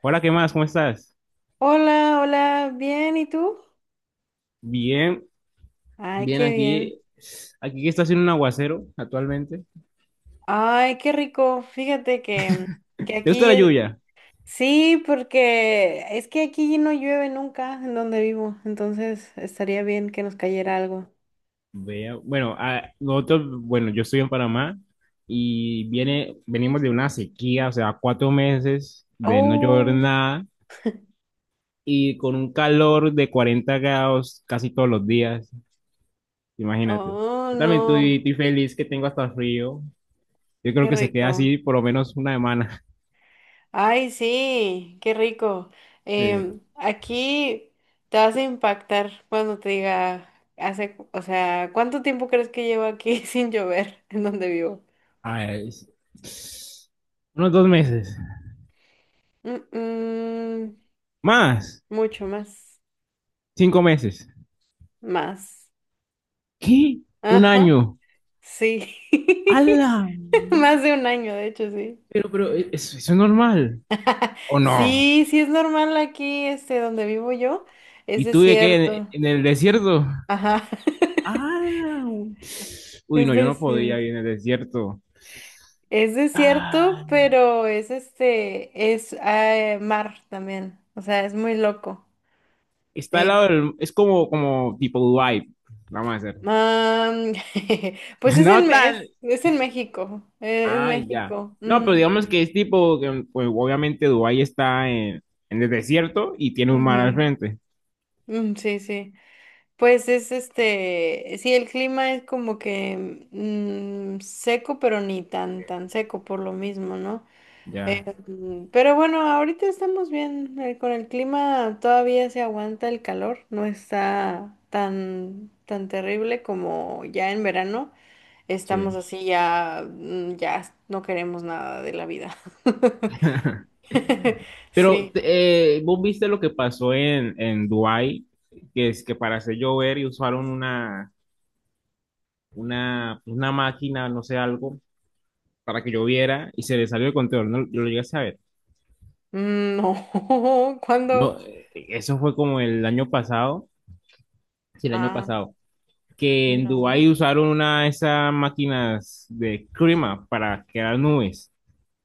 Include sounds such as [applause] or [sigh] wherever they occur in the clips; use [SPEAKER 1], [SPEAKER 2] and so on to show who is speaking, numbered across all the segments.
[SPEAKER 1] Hola, ¿qué más? ¿Cómo estás?
[SPEAKER 2] Hola, hola, bien, ¿y tú?
[SPEAKER 1] Bien,
[SPEAKER 2] Ay,
[SPEAKER 1] bien
[SPEAKER 2] qué bien.
[SPEAKER 1] aquí. Aquí que está haciendo un aguacero actualmente.
[SPEAKER 2] Ay, qué rico. Fíjate que
[SPEAKER 1] ¿Te gusta
[SPEAKER 2] aquí,
[SPEAKER 1] la lluvia?
[SPEAKER 2] sí, porque es que aquí no llueve nunca en donde vivo, entonces estaría bien que nos cayera algo.
[SPEAKER 1] Vea, bueno, nosotros, bueno, yo estoy en Panamá y venimos de una sequía, o sea, 4 meses de no llover
[SPEAKER 2] Oh,
[SPEAKER 1] nada y con un calor de 40 grados casi todos los días, imagínate.
[SPEAKER 2] oh,
[SPEAKER 1] Yo también estoy,
[SPEAKER 2] no,
[SPEAKER 1] estoy feliz que tengo hasta frío. Yo creo
[SPEAKER 2] qué
[SPEAKER 1] que se queda
[SPEAKER 2] rico.
[SPEAKER 1] así por lo menos una semana. [laughs]
[SPEAKER 2] Ay, sí, qué rico.
[SPEAKER 1] Sí.
[SPEAKER 2] Aquí te vas a impactar cuando te diga, hace, o sea, ¿cuánto tiempo crees que llevo aquí [laughs] sin llover en donde vivo?
[SPEAKER 1] Ah, unos 2 meses.
[SPEAKER 2] Mm, mm,
[SPEAKER 1] Más,
[SPEAKER 2] mucho más,
[SPEAKER 1] 5 meses.
[SPEAKER 2] más.
[SPEAKER 1] ¿Qué? Un
[SPEAKER 2] Ajá,
[SPEAKER 1] año.
[SPEAKER 2] sí. [laughs]
[SPEAKER 1] ¡Hala!
[SPEAKER 2] Más de un año, de hecho, sí.
[SPEAKER 1] Pero, ¿eso es normal?
[SPEAKER 2] [laughs]
[SPEAKER 1] ¿O no?
[SPEAKER 2] Sí, sí es normal aquí, este, donde vivo yo, es
[SPEAKER 1] ¿Y tú de qué?
[SPEAKER 2] desierto.
[SPEAKER 1] En el desierto?
[SPEAKER 2] Ajá. [laughs]
[SPEAKER 1] ¡Hala! Uy,
[SPEAKER 2] Es
[SPEAKER 1] no, yo no podía
[SPEAKER 2] desierto.
[SPEAKER 1] ir en el desierto.
[SPEAKER 2] Es desierto,
[SPEAKER 1] Ah,
[SPEAKER 2] pero es este, es mar también. O sea, es muy loco.
[SPEAKER 1] está al
[SPEAKER 2] Eh,
[SPEAKER 1] lado del... Es como tipo Dubai. Vamos a hacer.
[SPEAKER 2] am, [laughs] pues
[SPEAKER 1] [laughs]
[SPEAKER 2] es
[SPEAKER 1] No tan...
[SPEAKER 2] es en México. Es,
[SPEAKER 1] Ah, ya.
[SPEAKER 2] México.
[SPEAKER 1] No, pero
[SPEAKER 2] Ujú,
[SPEAKER 1] digamos que es tipo... que, pues obviamente Dubai está en el desierto y tiene un mar al
[SPEAKER 2] ujú.
[SPEAKER 1] frente.
[SPEAKER 2] Sí, sí. Pues es este, sí, el clima es como que seco, pero ni tan seco por lo mismo, ¿no?
[SPEAKER 1] Ya,
[SPEAKER 2] Pero bueno, ahorita estamos bien. Con el clima todavía se aguanta el calor, no está tan terrible como ya en verano. Estamos
[SPEAKER 1] sí.
[SPEAKER 2] así ya, ya no queremos nada de la vida. [laughs]
[SPEAKER 1] [laughs] Pero
[SPEAKER 2] Sí.
[SPEAKER 1] vos viste lo que pasó en Dubái, que es que para hacer llover y usaron una máquina, no sé, algo, para que lloviera y se le salió el control. No, yo lo llegué a saber.
[SPEAKER 2] No, [laughs]
[SPEAKER 1] No,
[SPEAKER 2] ¿cuándo?
[SPEAKER 1] eso fue como el año pasado, sí, el año
[SPEAKER 2] Ah,
[SPEAKER 1] pasado, que en
[SPEAKER 2] no.
[SPEAKER 1] Dubái usaron una de esas máquinas de clima para crear nubes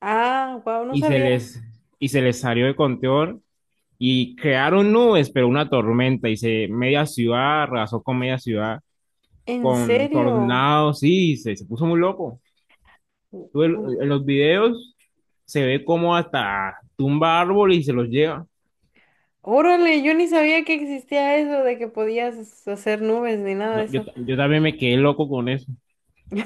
[SPEAKER 2] Ah, wow, no
[SPEAKER 1] y se
[SPEAKER 2] sabía.
[SPEAKER 1] les, y se les salió de control y crearon nubes, pero una tormenta y se media ciudad arrasó con media ciudad
[SPEAKER 2] ¿En
[SPEAKER 1] con
[SPEAKER 2] serio?
[SPEAKER 1] tornados, sí, se puso muy loco.
[SPEAKER 2] U-
[SPEAKER 1] Tú
[SPEAKER 2] u-
[SPEAKER 1] en los videos se ve como hasta tumba árboles y se los lleva.
[SPEAKER 2] Órale, yo ni sabía que existía eso de que podías hacer nubes ni nada de
[SPEAKER 1] No,
[SPEAKER 2] eso.
[SPEAKER 1] yo también me quedé loco con eso.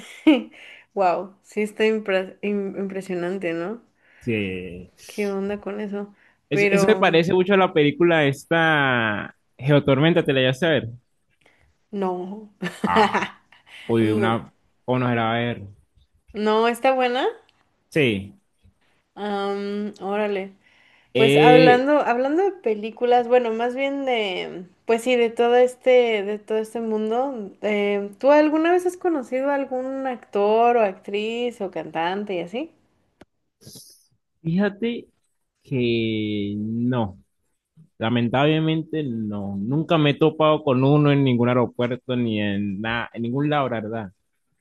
[SPEAKER 2] [laughs] Wow, sí está impresionante, ¿no?
[SPEAKER 1] Sí.
[SPEAKER 2] ¿Qué onda con eso?
[SPEAKER 1] Eso me
[SPEAKER 2] Pero
[SPEAKER 1] parece mucho a la película esta Geotormenta, ¿te la llegaste a ver?
[SPEAKER 2] no.
[SPEAKER 1] Ah,
[SPEAKER 2] [laughs]
[SPEAKER 1] uy,
[SPEAKER 2] No,
[SPEAKER 1] una... o no era a ver.
[SPEAKER 2] no, está buena.
[SPEAKER 1] Sí.
[SPEAKER 2] Órale. Pues
[SPEAKER 1] Eh,
[SPEAKER 2] hablando de películas, bueno, más bien de, pues sí, de todo este mundo. ¿Tú alguna vez has conocido a algún actor o actriz o cantante y así?
[SPEAKER 1] Fíjate que no. Lamentablemente no, nunca me he topado con uno en ningún aeropuerto ni en nada, en ningún lado, la verdad.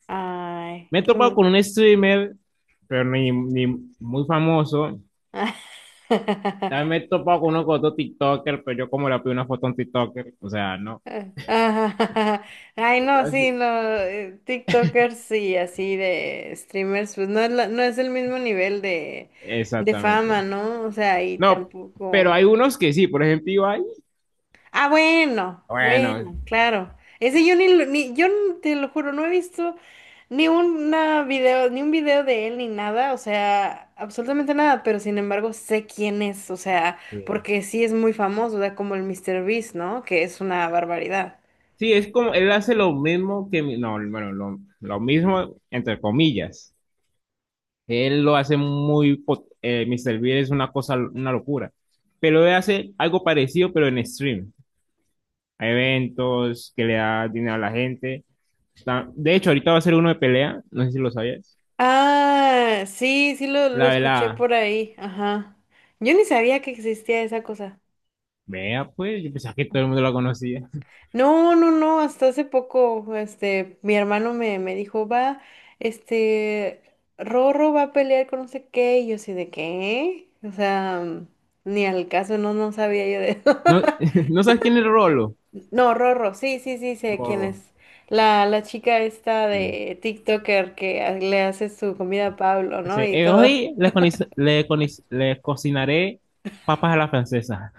[SPEAKER 2] Ay,
[SPEAKER 1] Me he topado con un streamer, pero ni muy famoso.
[SPEAKER 2] [laughs]
[SPEAKER 1] También me he topado con uno con otro TikToker, pero yo como le pido una foto a un TikToker, o sea, no.
[SPEAKER 2] Ah, [laughs] Ay, no, sí, no, TikTokers y así de streamers, pues no es el mismo nivel de fama,
[SPEAKER 1] Exactamente.
[SPEAKER 2] ¿no? O sea, y
[SPEAKER 1] No, pero
[SPEAKER 2] tampoco.
[SPEAKER 1] hay unos que sí, por ejemplo, Ibai,
[SPEAKER 2] Ah, bueno,
[SPEAKER 1] bueno,
[SPEAKER 2] bueno, claro. Ese yo ni, lo- ni yo n- te lo juro, no he visto ni un video de él ni nada, o sea, absolutamente nada, pero sin embargo sé quién es, o sea,
[SPEAKER 1] sí.
[SPEAKER 2] porque sí es muy famoso, o sea, como el Mr. Beast, ¿no? Que es una barbaridad.
[SPEAKER 1] Sí, es como, él hace lo mismo que, no, bueno, lo mismo, entre comillas. Él lo hace muy... Mr. Bean es una cosa, una locura. Pero él hace algo parecido, pero en stream. A eventos que le da dinero a la gente. De hecho, ahorita va a ser uno de pelea. No sé si lo sabías.
[SPEAKER 2] Ah, sí, sí lo
[SPEAKER 1] La de
[SPEAKER 2] escuché
[SPEAKER 1] la...
[SPEAKER 2] por ahí, ajá. Yo ni sabía que existía esa cosa.
[SPEAKER 1] Vea, pues, yo pensaba que todo el mundo la conocía.
[SPEAKER 2] No, no, no, hasta hace poco, este, mi me dijo, va, este, Rorro va a pelear con no sé qué, y yo así de qué, o sea, ni al caso, no, no sabía yo de eso.
[SPEAKER 1] No,
[SPEAKER 2] [laughs]
[SPEAKER 1] [laughs] ¿no sabes quién es Rolo?
[SPEAKER 2] No, Rorro, sí, sí, sí, sé quién
[SPEAKER 1] Rorro,
[SPEAKER 2] es. La chica esta
[SPEAKER 1] sí.
[SPEAKER 2] de TikToker que le hace su comida a Pablo, ¿no?
[SPEAKER 1] Ese,
[SPEAKER 2] Y todo.
[SPEAKER 1] hoy le cocinaré papas a la francesa.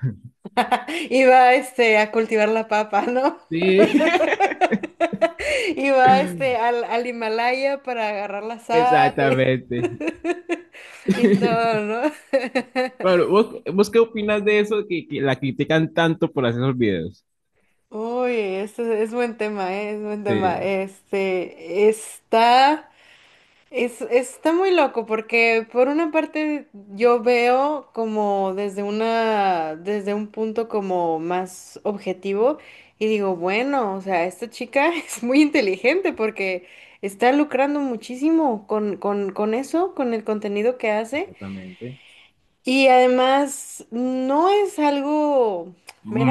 [SPEAKER 2] [laughs] Iba, este, a cultivar la papa, ¿no?
[SPEAKER 1] Sí,
[SPEAKER 2] [laughs] Y va este al Himalaya para agarrar la
[SPEAKER 1] [laughs]
[SPEAKER 2] sal y,
[SPEAKER 1] exactamente.
[SPEAKER 2] [laughs] y
[SPEAKER 1] [laughs]
[SPEAKER 2] todo, ¿no?
[SPEAKER 1] Claro, vos qué opinas de eso que la critican tanto por hacer esos videos?
[SPEAKER 2] [laughs] Uy, este es, buen tema, ¿eh? Es buen tema.
[SPEAKER 1] Sí,
[SPEAKER 2] Este está. Es, está muy loco porque por una parte yo veo como desde un punto como más objetivo y digo, bueno, o sea, esta chica [laughs] es muy inteligente porque está lucrando muchísimo con eso, con el contenido que hace.
[SPEAKER 1] exactamente.
[SPEAKER 2] Y además, no es algo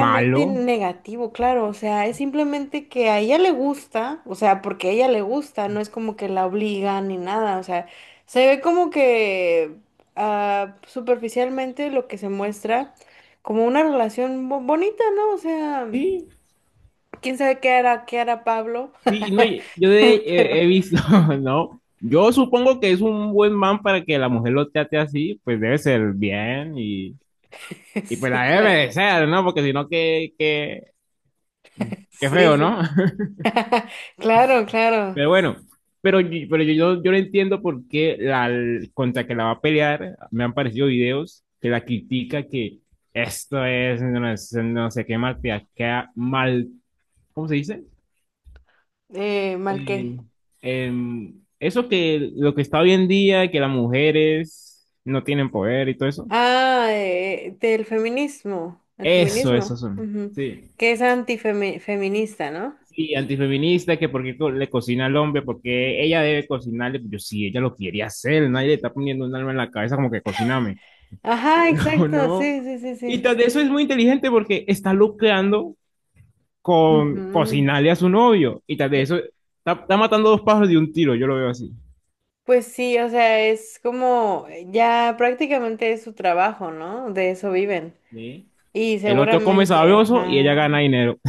[SPEAKER 1] Malo.
[SPEAKER 2] negativo, claro, o sea, es simplemente que a ella le gusta, o sea, porque a ella le gusta, no es como que la obligan ni nada, o sea, se ve como que ah, superficialmente lo que se muestra como una relación bonita, ¿no? O sea,
[SPEAKER 1] Sí,
[SPEAKER 2] quién sabe qué hará Pablo,
[SPEAKER 1] sí, no,
[SPEAKER 2] [laughs]
[SPEAKER 1] he
[SPEAKER 2] pero
[SPEAKER 1] visto, [laughs] ¿no? Yo supongo que es un buen man para que la mujer lo trate así, pues debe ser bien
[SPEAKER 2] [laughs]
[SPEAKER 1] y pues la
[SPEAKER 2] sí,
[SPEAKER 1] debe
[SPEAKER 2] claro,
[SPEAKER 1] merecer, ¿no? Porque si no, qué
[SPEAKER 2] sí,
[SPEAKER 1] feo,
[SPEAKER 2] sí,
[SPEAKER 1] ¿no? [laughs]
[SPEAKER 2] [laughs] claro, claro,
[SPEAKER 1] Pero bueno, yo no entiendo por qué la, contra que la va a pelear, me han parecido videos que la critica que esto es no, no sé qué malteaca, mal, ¿cómo se dice?
[SPEAKER 2] mal qué.
[SPEAKER 1] Eh, eso que lo que está hoy en día, que las mujeres no tienen poder y todo eso,
[SPEAKER 2] Ah, del feminismo, el
[SPEAKER 1] eso
[SPEAKER 2] feminismo,
[SPEAKER 1] son.
[SPEAKER 2] ujú.
[SPEAKER 1] Sí.
[SPEAKER 2] ¿Que es antifeminista, no?
[SPEAKER 1] Sí, antifeminista, que porque le cocina al hombre, porque ella debe cocinarle, pues yo sí, ella lo quiere hacer, nadie le está poniendo un alma en la cabeza como que cociname. [laughs]
[SPEAKER 2] Ajá,
[SPEAKER 1] No,
[SPEAKER 2] exacto,
[SPEAKER 1] no.
[SPEAKER 2] sí, sí, sí,
[SPEAKER 1] Y
[SPEAKER 2] sí.
[SPEAKER 1] tras de eso es muy inteligente porque está lucrando con
[SPEAKER 2] Ujú.
[SPEAKER 1] cocinarle a su novio. Y tras de
[SPEAKER 2] Eh,
[SPEAKER 1] eso está matando dos pájaros de un tiro, yo lo veo así.
[SPEAKER 2] Pues sí, o sea, es como ya prácticamente es su trabajo, ¿no? De eso viven.
[SPEAKER 1] Sí,
[SPEAKER 2] Y
[SPEAKER 1] el otro come
[SPEAKER 2] seguramente,
[SPEAKER 1] sabroso y ella
[SPEAKER 2] ajá.
[SPEAKER 1] gana dinero.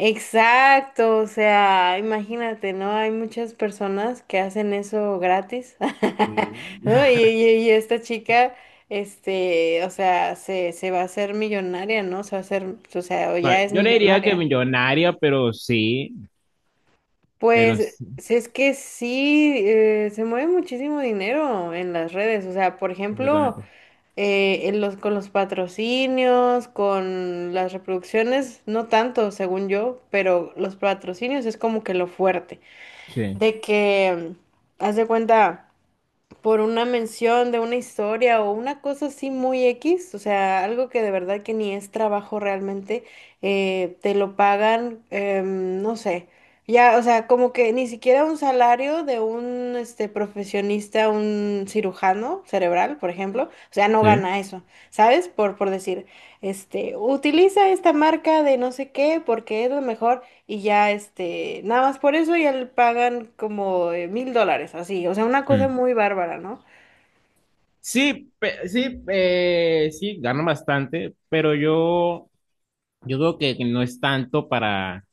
[SPEAKER 2] Exacto, o sea, imagínate, ¿no? Hay muchas personas que hacen eso gratis,
[SPEAKER 1] Sí.
[SPEAKER 2] [laughs] ¿no?
[SPEAKER 1] [laughs]
[SPEAKER 2] Y esta chica, este, o sea, se va a hacer millonaria, ¿no? Se va a hacer, o sea, o ya
[SPEAKER 1] Vale,
[SPEAKER 2] es
[SPEAKER 1] yo le diría que
[SPEAKER 2] millonaria.
[SPEAKER 1] millonaria, pero sí, pero
[SPEAKER 2] Pues,
[SPEAKER 1] sí,
[SPEAKER 2] si es que sí, se mueve muchísimo dinero en las redes, o sea, por ejemplo,
[SPEAKER 1] exactamente.
[SPEAKER 2] en los, con los patrocinios, con las reproducciones, no tanto, según yo, pero los patrocinios es como que lo fuerte.
[SPEAKER 1] Sí,
[SPEAKER 2] De que, haz de cuenta, por una mención de una historia o una cosa así muy X, o sea, algo que de verdad que ni es trabajo realmente, te lo pagan, no sé, ya, o sea, como que ni siquiera un salario de un, este, profesionista, un cirujano cerebral, por ejemplo, o sea, no
[SPEAKER 1] sí.
[SPEAKER 2] gana eso, ¿sabes? Por decir, este, utiliza esta marca de no sé qué porque es lo mejor. Y ya, este, nada más por eso ya le pagan como mil dólares, así. O sea, una cosa
[SPEAKER 1] Mm.
[SPEAKER 2] muy bárbara, ¿no?
[SPEAKER 1] Sí, sí, sí, gano bastante, pero yo creo que no es tanto para,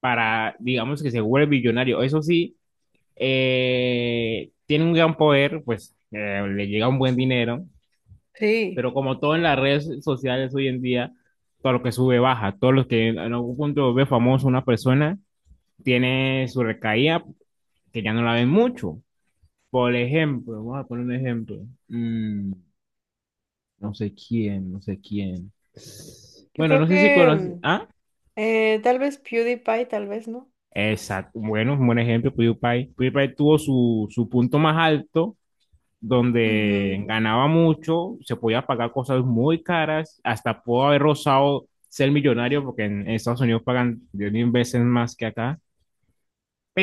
[SPEAKER 1] digamos que se vuelve millonario. Eso sí, tiene un gran poder, pues le llega un buen dinero,
[SPEAKER 2] Sí.
[SPEAKER 1] pero como todo en las redes sociales hoy en día, todo lo que sube baja, todo lo que en algún punto ve famoso una persona tiene su recaída que ya no la ven mucho. Por ejemplo, vamos a poner un ejemplo. Mm, no sé quién, no sé quién.
[SPEAKER 2] Yo
[SPEAKER 1] Bueno,
[SPEAKER 2] creo
[SPEAKER 1] no sé si
[SPEAKER 2] que
[SPEAKER 1] conoces. Ah,
[SPEAKER 2] tal vez PewDiePie, tal vez, ¿no?
[SPEAKER 1] exacto. Bueno, un buen ejemplo, PewDiePie. PewDiePie tuvo su punto más alto donde
[SPEAKER 2] Ujú.
[SPEAKER 1] ganaba mucho, se podía pagar cosas muy caras, hasta pudo haber rozado ser millonario, porque en Estados Unidos pagan 10.000 veces más que acá,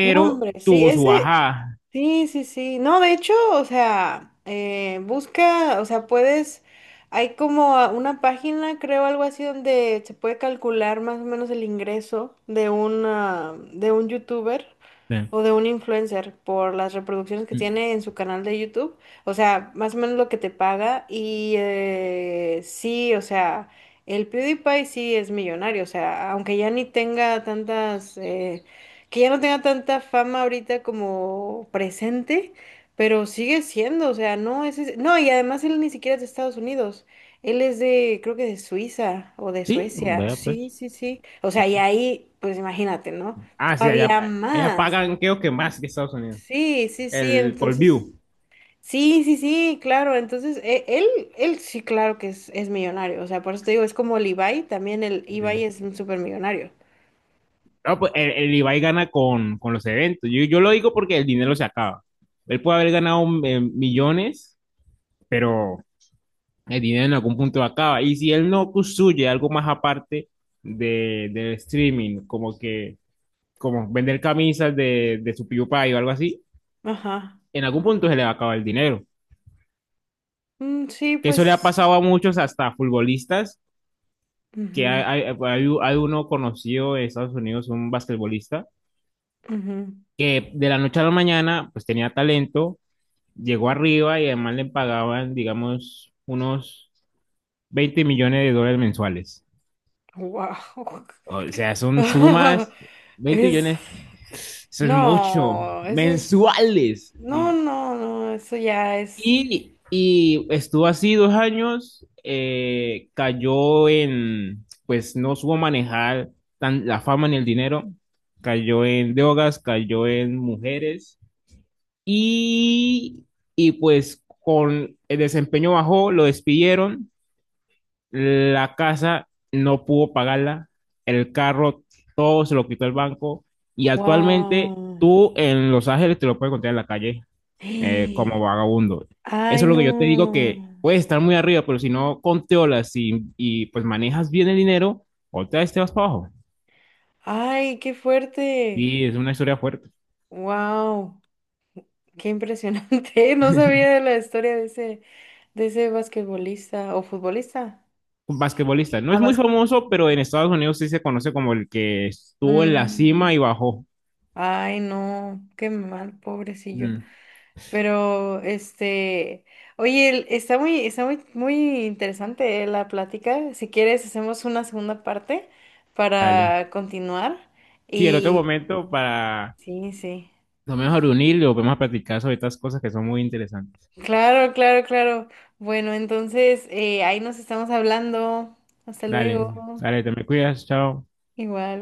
[SPEAKER 2] No, hombre, sí,
[SPEAKER 1] tuvo su
[SPEAKER 2] ese,
[SPEAKER 1] bajada.
[SPEAKER 2] sí, sí, sí. No, de hecho, o sea, busca, o sea, puedes, hay como una página, creo, algo así, donde se puede calcular más o menos el ingreso de una, de un youtuber,
[SPEAKER 1] Sí,
[SPEAKER 2] o de un influencer por las reproducciones que tiene en su canal de YouTube. O sea, más o menos lo que te paga. Y sí, o sea, el PewDiePie sí es millonario. O sea, aunque ya ni tenga tantas, que ya no tenga tanta fama ahorita como presente, pero sigue siendo, o sea, no, y además él ni siquiera es de Estados Unidos. Él es de, creo que de Suiza o de
[SPEAKER 1] sí,
[SPEAKER 2] Suecia.
[SPEAKER 1] vea
[SPEAKER 2] Sí,
[SPEAKER 1] pues.
[SPEAKER 2] sí, sí. O
[SPEAKER 1] Vea,
[SPEAKER 2] sea, y
[SPEAKER 1] pues.
[SPEAKER 2] ahí, pues imagínate, ¿no?
[SPEAKER 1] Ah, sí,
[SPEAKER 2] Todavía
[SPEAKER 1] allá
[SPEAKER 2] más.
[SPEAKER 1] pagan creo que más que Estados Unidos,
[SPEAKER 2] Sí, sí, sí,
[SPEAKER 1] el por
[SPEAKER 2] entonces,
[SPEAKER 1] view.
[SPEAKER 2] sí, sí, sí, claro, entonces, él, él sí, claro que es millonario, o sea, por eso te digo, es como el Ibai, también el Ibai
[SPEAKER 1] Sí.
[SPEAKER 2] es un súper millonario.
[SPEAKER 1] No, pues el Ibai gana con los eventos. Yo lo digo porque el dinero se acaba. Él puede haber ganado millones, pero el dinero en algún punto acaba. Y si él no construye algo más aparte del streaming, como que como vender camisas de su PewDiePie o algo así,
[SPEAKER 2] Ajá.
[SPEAKER 1] en algún punto se le va a acabar el dinero.
[SPEAKER 2] Sí,
[SPEAKER 1] Que eso le ha
[SPEAKER 2] pues,
[SPEAKER 1] pasado a muchos, hasta futbolistas, que
[SPEAKER 2] ujú,
[SPEAKER 1] hay uno conocido de Estados Unidos, un basquetbolista,
[SPEAKER 2] ujú.
[SPEAKER 1] que de la noche a la mañana pues tenía talento, llegó arriba y además le pagaban, digamos, unos 20 millones de dólares mensuales.
[SPEAKER 2] Wow.
[SPEAKER 1] O sea, son
[SPEAKER 2] [laughs]
[SPEAKER 1] sumas, 20
[SPEAKER 2] Es,
[SPEAKER 1] millones, eso es mucho,
[SPEAKER 2] no, eso es,
[SPEAKER 1] mensuales.
[SPEAKER 2] no, no, no, eso ya es,
[SPEAKER 1] Y estuvo así 2 años, cayó en, pues no supo manejar tan, la fama ni el dinero, cayó en drogas, cayó en mujeres y, y pues con el desempeño bajó, lo despidieron la casa no pudo pagarla, el carro todo se lo quitó el banco y actualmente
[SPEAKER 2] wow.
[SPEAKER 1] tú en Los Ángeles te lo puedes encontrar en la calle
[SPEAKER 2] [gasps]
[SPEAKER 1] como vagabundo.
[SPEAKER 2] Ay,
[SPEAKER 1] Eso es lo que
[SPEAKER 2] no,
[SPEAKER 1] yo te digo que puedes estar muy arriba, pero si no controlas y pues manejas bien el dinero, otra vez te vas para abajo.
[SPEAKER 2] ay, qué fuerte,
[SPEAKER 1] Y es una historia fuerte.
[SPEAKER 2] wow. Qué impresionante. [laughs] No sabía de la historia de ese basquetbolista o futbolista.
[SPEAKER 1] Un basquetbolista. No
[SPEAKER 2] Ah,
[SPEAKER 1] es muy
[SPEAKER 2] vas-
[SPEAKER 1] famoso, pero en Estados Unidos sí se conoce como el que estuvo en la cima
[SPEAKER 2] Mm,
[SPEAKER 1] y bajó.
[SPEAKER 2] Ay, no, qué mal, pobrecillo.
[SPEAKER 1] Mm,
[SPEAKER 2] Pero, este, oye, está está muy, muy interesante la plática. Si quieres, hacemos una segunda parte
[SPEAKER 1] dale.
[SPEAKER 2] para continuar.
[SPEAKER 1] Sí, el otro
[SPEAKER 2] Y
[SPEAKER 1] momento para
[SPEAKER 2] sí, sí.
[SPEAKER 1] lo mejor unir y volvemos a platicar sobre estas cosas que son muy interesantes.
[SPEAKER 2] Claro, claro, claro. Bueno, entonces, ahí nos estamos hablando. Hasta
[SPEAKER 1] Dale,
[SPEAKER 2] luego.
[SPEAKER 1] dale, te me cuidas, chao.
[SPEAKER 2] Igual.